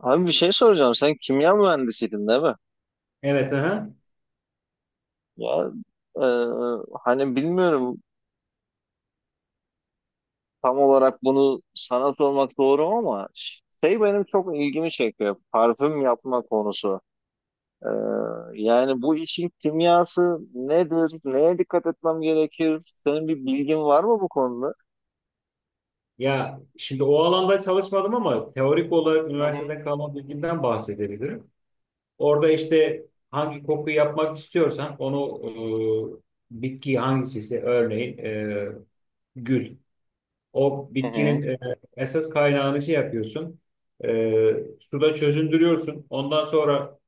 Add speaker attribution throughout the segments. Speaker 1: Abi bir şey soracağım. Sen kimya mühendisiydin değil mi?
Speaker 2: Evet, aha.
Speaker 1: Ya e, bilmiyorum tam olarak bunu sana sormak doğru mu ama benim çok ilgimi çekiyor. Parfüm yapma konusu. E, Yani bu işin kimyası nedir? Neye dikkat etmem gerekir? Senin bir bilgin var mı bu konuda?
Speaker 2: Ya şimdi o alanda çalışmadım ama teorik olarak
Speaker 1: Hı hı.
Speaker 2: üniversiteden kalan bilgimden bahsedebilirim. Orada işte hangi koku yapmak istiyorsan onu bitki hangisiyse örneğin gül. O
Speaker 1: Hı
Speaker 2: bitkinin
Speaker 1: hı.
Speaker 2: esas kaynağını şey yapıyorsun. E, Suda çözündürüyorsun. Ondan sonra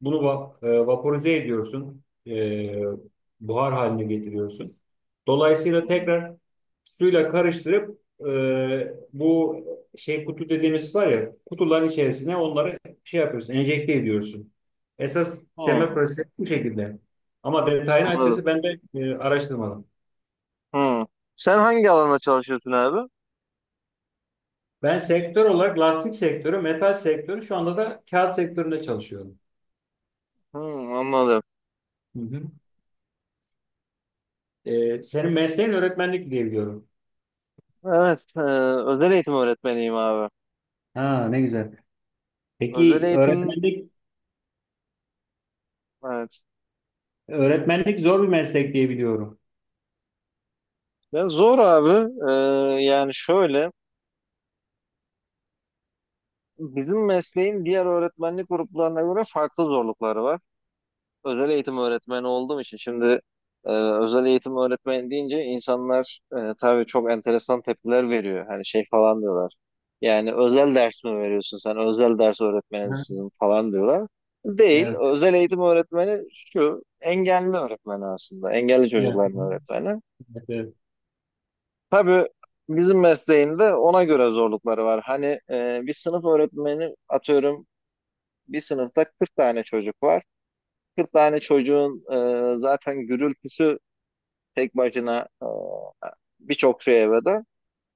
Speaker 2: bunu vaporize ediyorsun, buhar haline getiriyorsun.
Speaker 1: Hı,
Speaker 2: Dolayısıyla tekrar suyla karıştırıp bu şey kutu dediğimiz var ya kutuların içerisine onları şey yapıyorsun, enjekte ediyorsun. Esas temel proses bu şekilde. Ama detayını
Speaker 1: anladım.
Speaker 2: açıkçası ben de araştırmadım.
Speaker 1: Hı. Sen hangi alanda çalışıyorsun abi?
Speaker 2: Ben sektör olarak lastik sektörü, metal sektörü şu anda da kağıt sektöründe çalışıyorum.
Speaker 1: Hı, anladım.
Speaker 2: Hı hı. Senin mesleğin öğretmenlik diye biliyorum.
Speaker 1: Evet, özel eğitim öğretmeniyim abi.
Speaker 2: Ha, ne güzel.
Speaker 1: Özel
Speaker 2: Peki
Speaker 1: eğitim, evet.
Speaker 2: öğretmenlik zor bir meslek diye biliyorum.
Speaker 1: Ya zor abi. Yani şöyle, bizim mesleğin diğer öğretmenlik gruplarına göre farklı zorlukları var. Özel eğitim öğretmeni olduğum için şimdi özel eğitim öğretmeni deyince insanlar, tabii çok enteresan tepkiler veriyor. Hani şey falan diyorlar. Yani özel ders mi veriyorsun sen? Özel ders
Speaker 2: Hı.
Speaker 1: öğretmenisin falan diyorlar. Değil.
Speaker 2: Evet.
Speaker 1: Özel eğitim öğretmeni şu engelli öğretmeni aslında. Engelli
Speaker 2: Evet.
Speaker 1: çocukların öğretmeni.
Speaker 2: Evet, evet.
Speaker 1: Tabii bizim mesleğinde ona göre zorlukları var. Hani bir sınıf öğretmeni atıyorum, bir sınıfta 40 tane çocuk var. 40 tane çocuğun zaten gürültüsü tek başına, birçok şey evde.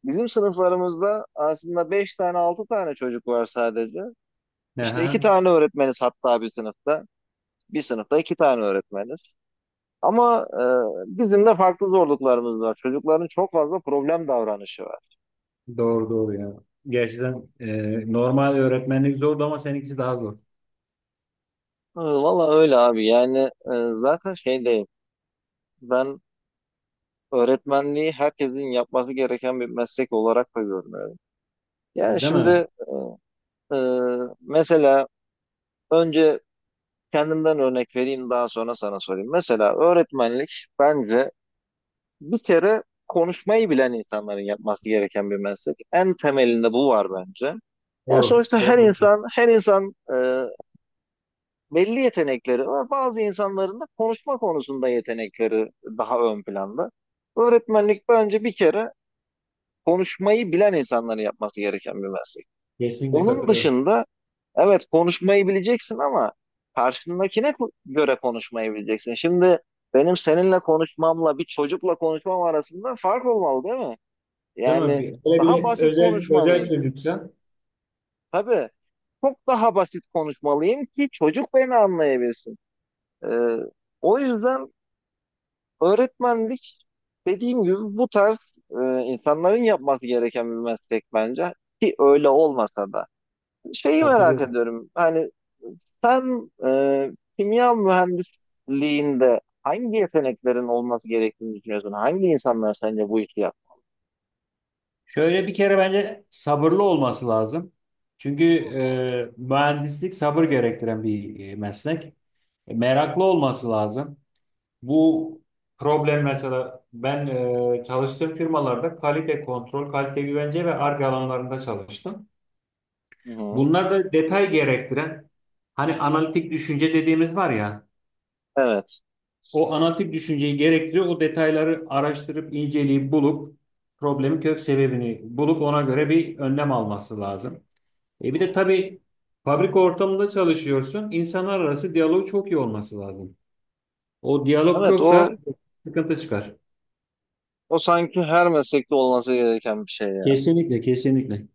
Speaker 1: Bizim sınıflarımızda aslında 5 tane 6 tane çocuk var sadece. İşte 2
Speaker 2: Aha.
Speaker 1: tane öğretmeniz hatta bir sınıfta. Bir sınıfta 2 tane öğretmeniz. Ama bizim de farklı zorluklarımız var. Çocukların çok fazla problem davranışı var.
Speaker 2: Doğru doğru ya. Gerçekten normal öğretmenlik zordu ama seninkisi daha zor.
Speaker 1: Valla öyle abi, yani zaten şey değil, ben öğretmenliği herkesin yapması gereken bir meslek olarak da görmüyorum. Yani
Speaker 2: Değil mi?
Speaker 1: şimdi, e, mesela önce kendimden örnek vereyim, daha sonra sana sorayım. Mesela öğretmenlik bence bir kere konuşmayı bilen insanların yapması gereken bir meslek. En temelinde bu var bence. Yani
Speaker 2: Doğru.
Speaker 1: sonuçta her
Speaker 2: Doğru.
Speaker 1: insan, belli yetenekleri var. Bazı insanların da konuşma konusunda yetenekleri daha ön planda. Öğretmenlik bence bir kere konuşmayı bilen insanların yapması gereken bir meslek.
Speaker 2: Kesinlikle
Speaker 1: Onun
Speaker 2: katılıyorum.
Speaker 1: dışında, evet, konuşmayı bileceksin ama karşındakine göre konuşmayı bileceksin. Şimdi benim seninle konuşmamla bir çocukla konuşmam arasında fark olmalı değil mi?
Speaker 2: Değil mi?
Speaker 1: Yani
Speaker 2: Bir, öyle bir
Speaker 1: daha
Speaker 2: de
Speaker 1: basit
Speaker 2: özel özel
Speaker 1: konuşmalıyım.
Speaker 2: çocuksa
Speaker 1: Tabii çok daha basit konuşmalıyım ki çocuk beni anlayabilsin. Ee, O yüzden öğretmenlik, dediğim gibi, bu tarz insanların yapması gereken bir meslek bence, ki öyle olmasa da. Şeyi merak
Speaker 2: katılıyorum.
Speaker 1: ediyorum, hani sen, kimya mühendisliğinde hangi yeteneklerin olması gerektiğini düşünüyorsun? Hangi insanlar sence bu işi yap?
Speaker 2: Şöyle bir kere bence sabırlı olması lazım. Çünkü mühendislik sabır gerektiren bir meslek. Meraklı olması lazım. Bu problem mesela ben çalıştığım firmalarda kalite kontrol, kalite güvence ve Ar-Ge alanlarında çalıştım.
Speaker 1: Hı hı.
Speaker 2: Bunlar da detay gerektiren hani analitik düşünce dediğimiz var ya
Speaker 1: Evet.
Speaker 2: o analitik düşünceyi gerektiriyor. O detayları araştırıp inceleyip bulup problemin kök sebebini bulup ona göre bir önlem alması lazım. E bir de tabii fabrika ortamında çalışıyorsun. İnsanlar arası diyaloğu çok iyi olması lazım. O diyalog
Speaker 1: Evet, o
Speaker 2: yoksa sıkıntı çıkar.
Speaker 1: o sanki her meslekte olması gereken bir şey ya.
Speaker 2: Kesinlikle, kesinlikle.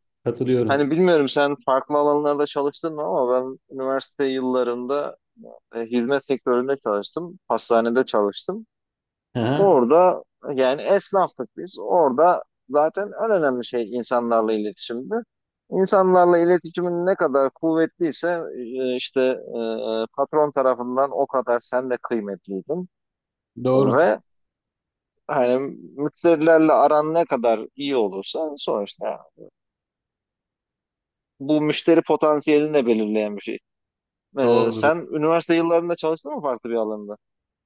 Speaker 1: Hani
Speaker 2: Katılıyorum.
Speaker 1: bilmiyorum sen farklı alanlarda çalıştın mı ama ben üniversite yıllarında, hizmet sektöründe çalıştım. Hastanede çalıştım.
Speaker 2: Aha,
Speaker 1: Orada, yani esnaftık biz. Orada zaten en önemli şey insanlarla iletişimdi. İnsanlarla iletişimin ne kadar kuvvetliyse, patron tarafından o kadar sen de kıymetliydin.
Speaker 2: doğru.
Speaker 1: Ve hani müşterilerle aran ne kadar iyi olursa sonuçta bu müşteri potansiyelini de belirleyen bir şey.
Speaker 2: Doğrudur.
Speaker 1: Sen üniversite yıllarında çalıştın mı farklı bir alanda?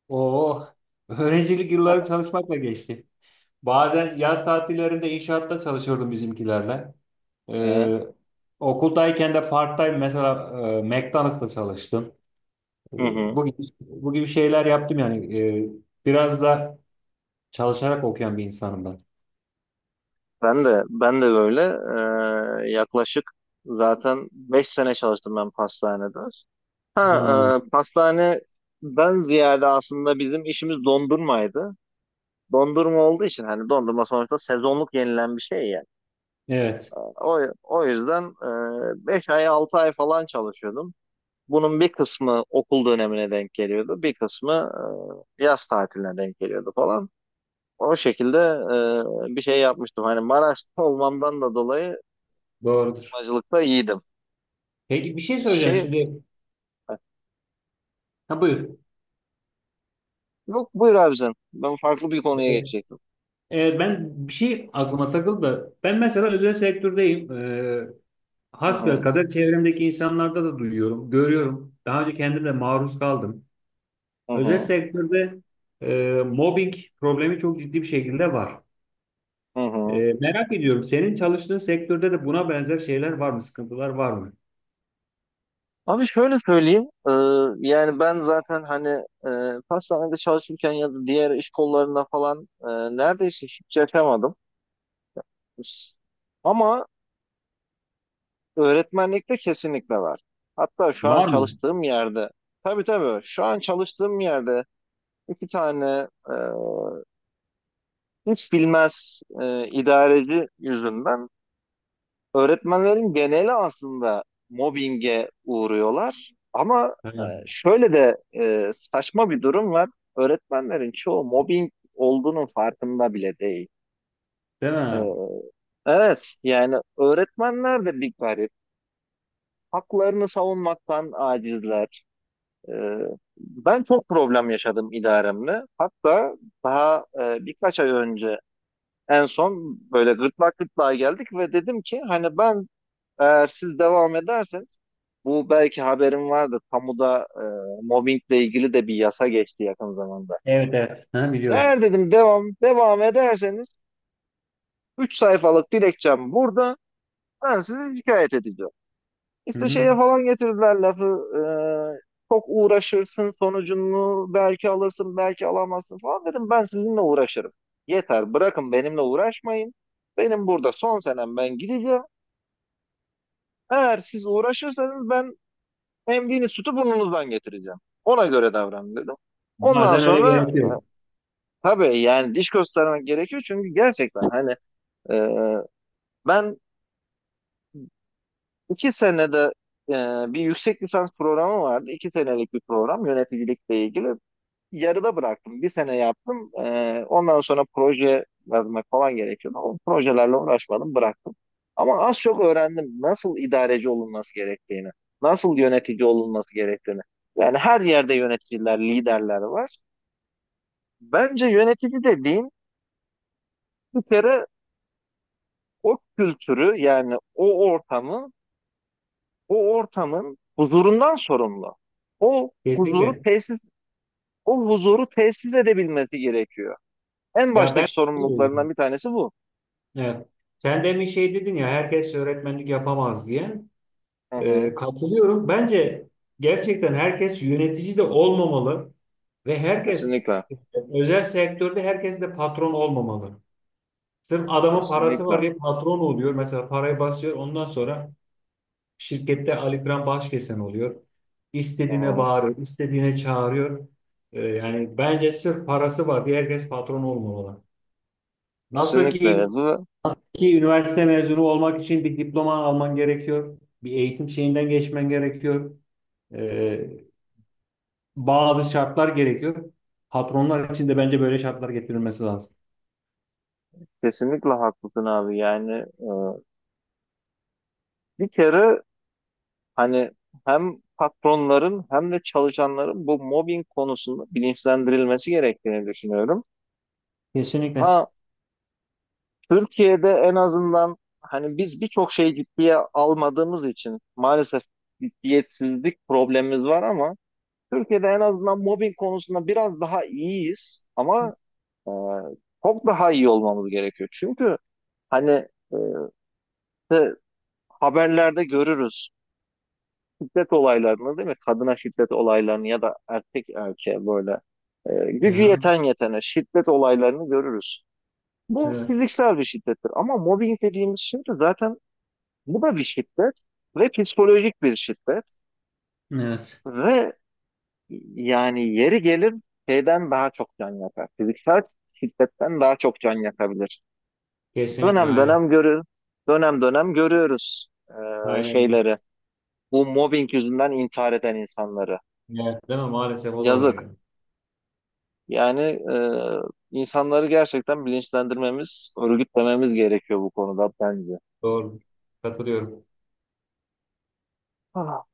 Speaker 2: Oo, öğrencilik yılları çalışmakla geçti. Bazen yaz tatillerinde inşaatta çalışıyordum bizimkilerle.
Speaker 1: Ee,
Speaker 2: Ee, Okuldayken de part-time mesela McDonald's'ta çalıştım. Ee,
Speaker 1: Hı hı.
Speaker 2: Bu gibi, bu gibi şeyler yaptım yani. Biraz da çalışarak okuyan bir insanım ben.
Speaker 1: Ben de böyle, yaklaşık zaten 5 sene çalıştım ben pastanede.
Speaker 2: Ha,
Speaker 1: Ha, pastane ben ziyade aslında bizim işimiz dondurmaydı. Dondurma olduğu için hani dondurma sonuçta sezonluk yenilen bir şey yani.
Speaker 2: evet,
Speaker 1: O yüzden 5 ay 6 ay falan çalışıyordum. Bunun bir kısmı okul dönemine denk geliyordu. Bir kısmı yaz tatiline denk geliyordu falan. O şekilde bir şey yapmıştım. Hani Maraş'ta olmamdan da dolayı
Speaker 2: doğrudur.
Speaker 1: acılıkta iyiydim.
Speaker 2: Peki bir şey söyleyeceğim
Speaker 1: Şey,
Speaker 2: şimdi. Ha, buyur.
Speaker 1: yok buyur abi sen. Ben farklı bir konuya
Speaker 2: Ee,
Speaker 1: geçecektim.
Speaker 2: Evet, ben bir şey aklıma takıldı da. Ben mesela özel sektördeyim.
Speaker 1: Hı hı,
Speaker 2: Hasbelkader çevremdeki insanlarda da duyuyorum, görüyorum. Daha önce kendim de maruz kaldım.
Speaker 1: hı
Speaker 2: Özel
Speaker 1: hı,
Speaker 2: sektörde mobbing problemi çok ciddi bir şekilde var.
Speaker 1: hı hı.
Speaker 2: Merak ediyorum senin çalıştığın sektörde de buna benzer şeyler var mı? Sıkıntılar var mı?
Speaker 1: Abi şöyle söyleyeyim. Yani ben zaten hani pastanede çalışırken ya da diğer iş kollarında falan, neredeyse hiç yaşamadım. S- Ama öğretmenlikte kesinlikle var. Hatta şu an
Speaker 2: Var mı?
Speaker 1: çalıştığım yerde. Tabii tabii, şu an çalıştığım yerde iki tane hiç bilmez idareci yüzünden öğretmenlerin geneli aslında mobbinge uğruyorlar. Ama
Speaker 2: Ha.
Speaker 1: şöyle de saçma bir durum var. Öğretmenlerin çoğu mobbing olduğunun farkında bile değil.
Speaker 2: Değil
Speaker 1: E,
Speaker 2: mi?
Speaker 1: evet, yani öğretmenler de bir garip. Haklarını savunmaktan acizler. E, Ben çok problem yaşadım idaremle. Hatta daha birkaç ay önce en son böyle gırtlak gırtlağa geldik ve dedim ki, hani ben, eğer siz devam ederseniz, bu belki haberim vardır. Kamuda mobbingle ilgili de bir yasa geçti yakın zamanda.
Speaker 2: Evet, evet. Ha, biliyorum.
Speaker 1: Eğer dedim devam ederseniz, 3 sayfalık dilekçem burada. Ben sizi şikayet edeceğim.
Speaker 2: Hı
Speaker 1: İşte
Speaker 2: hı.
Speaker 1: şeye falan getirdiler lafı. Çok uğraşırsın, sonucunu belki alırsın belki alamazsın falan dedim. Ben sizinle uğraşırım. Yeter, bırakın benimle uğraşmayın. Benim burada son senem, ben gideceğim. Eğer siz uğraşırsanız, ben emdiğiniz sütü burnunuzdan getireceğim. Ona göre davranın dedim. Ondan
Speaker 2: Bazen öyle
Speaker 1: sonra
Speaker 2: gerekiyor.
Speaker 1: tabii, yani diş göstermek gerekiyor çünkü gerçekten hani e, ben iki senede, e, bir yüksek lisans programı vardı. İki senelik bir program, yöneticilikle ilgili, yarıda bıraktım. Bir sene yaptım. Ondan sonra proje yazmak falan gerekiyordu. O projelerle uğraşmadım, bıraktım. Ama az çok öğrendim nasıl idareci olunması gerektiğini, nasıl yönetici olunması gerektiğini. Yani her yerde yöneticiler, liderler var. Bence yönetici dediğin, bir kere, o kültürü, yani o ortamı, o ortamın huzurundan sorumlu. O huzuru
Speaker 2: Kesinlikle.
Speaker 1: tesis, o huzuru tesis edebilmesi gerekiyor. En
Speaker 2: Ya, ben
Speaker 1: baştaki sorumluluklarından bir tanesi bu.
Speaker 2: evet. Sen demin şey dedin ya herkes öğretmenlik yapamaz diye.
Speaker 1: Hı hı.
Speaker 2: Katılıyorum. Bence gerçekten herkes yönetici de olmamalı ve herkes
Speaker 1: Kesinlikle.
Speaker 2: özel sektörde herkes de patron olmamalı. Sırf adamın parası
Speaker 1: Kesinlikle.
Speaker 2: var diye patron oluyor. Mesela parayı basıyor. Ondan sonra şirkette Ali Kıran Başkesen oluyor.
Speaker 1: Hı
Speaker 2: İstediğine
Speaker 1: hı.
Speaker 2: bağırıyor, istediğine çağırıyor. Yani bence sırf parası var diye herkes patron olmamalı. Nasıl
Speaker 1: Kesinlikle.
Speaker 2: ki
Speaker 1: Bu
Speaker 2: ki üniversite mezunu olmak için bir diploma alman gerekiyor. Bir eğitim şeyinden geçmen gerekiyor. Ee, Bazı şartlar gerekiyor. Patronlar için de bence böyle şartlar getirilmesi lazım.
Speaker 1: kesinlikle haklısın abi. Yani e, bir kere hani hem patronların hem de çalışanların bu mobbing konusunda bilinçlendirilmesi gerektiğini düşünüyorum.
Speaker 2: Kesinlikle.
Speaker 1: Ha, Türkiye'de en azından, hani biz birçok şeyi ciddiye almadığımız için maalesef ciddiyetsizlik problemimiz var ama Türkiye'de en azından mobbing konusunda biraz daha iyiyiz ama e, çok daha iyi olmamız gerekiyor. Çünkü hani e, işte haberlerde görürüz şiddet olaylarını değil mi? Kadına şiddet olaylarını ya da erkek erkeğe böyle, gücü
Speaker 2: Aha,
Speaker 1: yeten yetene şiddet olaylarını görürüz. Bu
Speaker 2: evet.
Speaker 1: fiziksel bir şiddettir ama mobbing dediğimiz şey de zaten bu da bir şiddet, ve psikolojik bir şiddet,
Speaker 2: Evet.
Speaker 1: ve yani yeri gelir şeyden daha çok can yakar. Fiziksel şiddetten daha çok can yakabilir.
Speaker 2: Kesinlikle
Speaker 1: Dönem
Speaker 2: aynen.
Speaker 1: dönem görür, dönem dönem görüyoruz
Speaker 2: Aynen.
Speaker 1: şeyleri, bu mobbing yüzünden intihar eden insanları.
Speaker 2: Evet, değil mi? Maalesef o da var
Speaker 1: Yazık.
Speaker 2: ya.
Speaker 1: Yani insanları gerçekten bilinçlendirmemiz, örgütlememiz gerekiyor bu konuda bence.
Speaker 2: Doğru. Katılıyorum.
Speaker 1: Ah.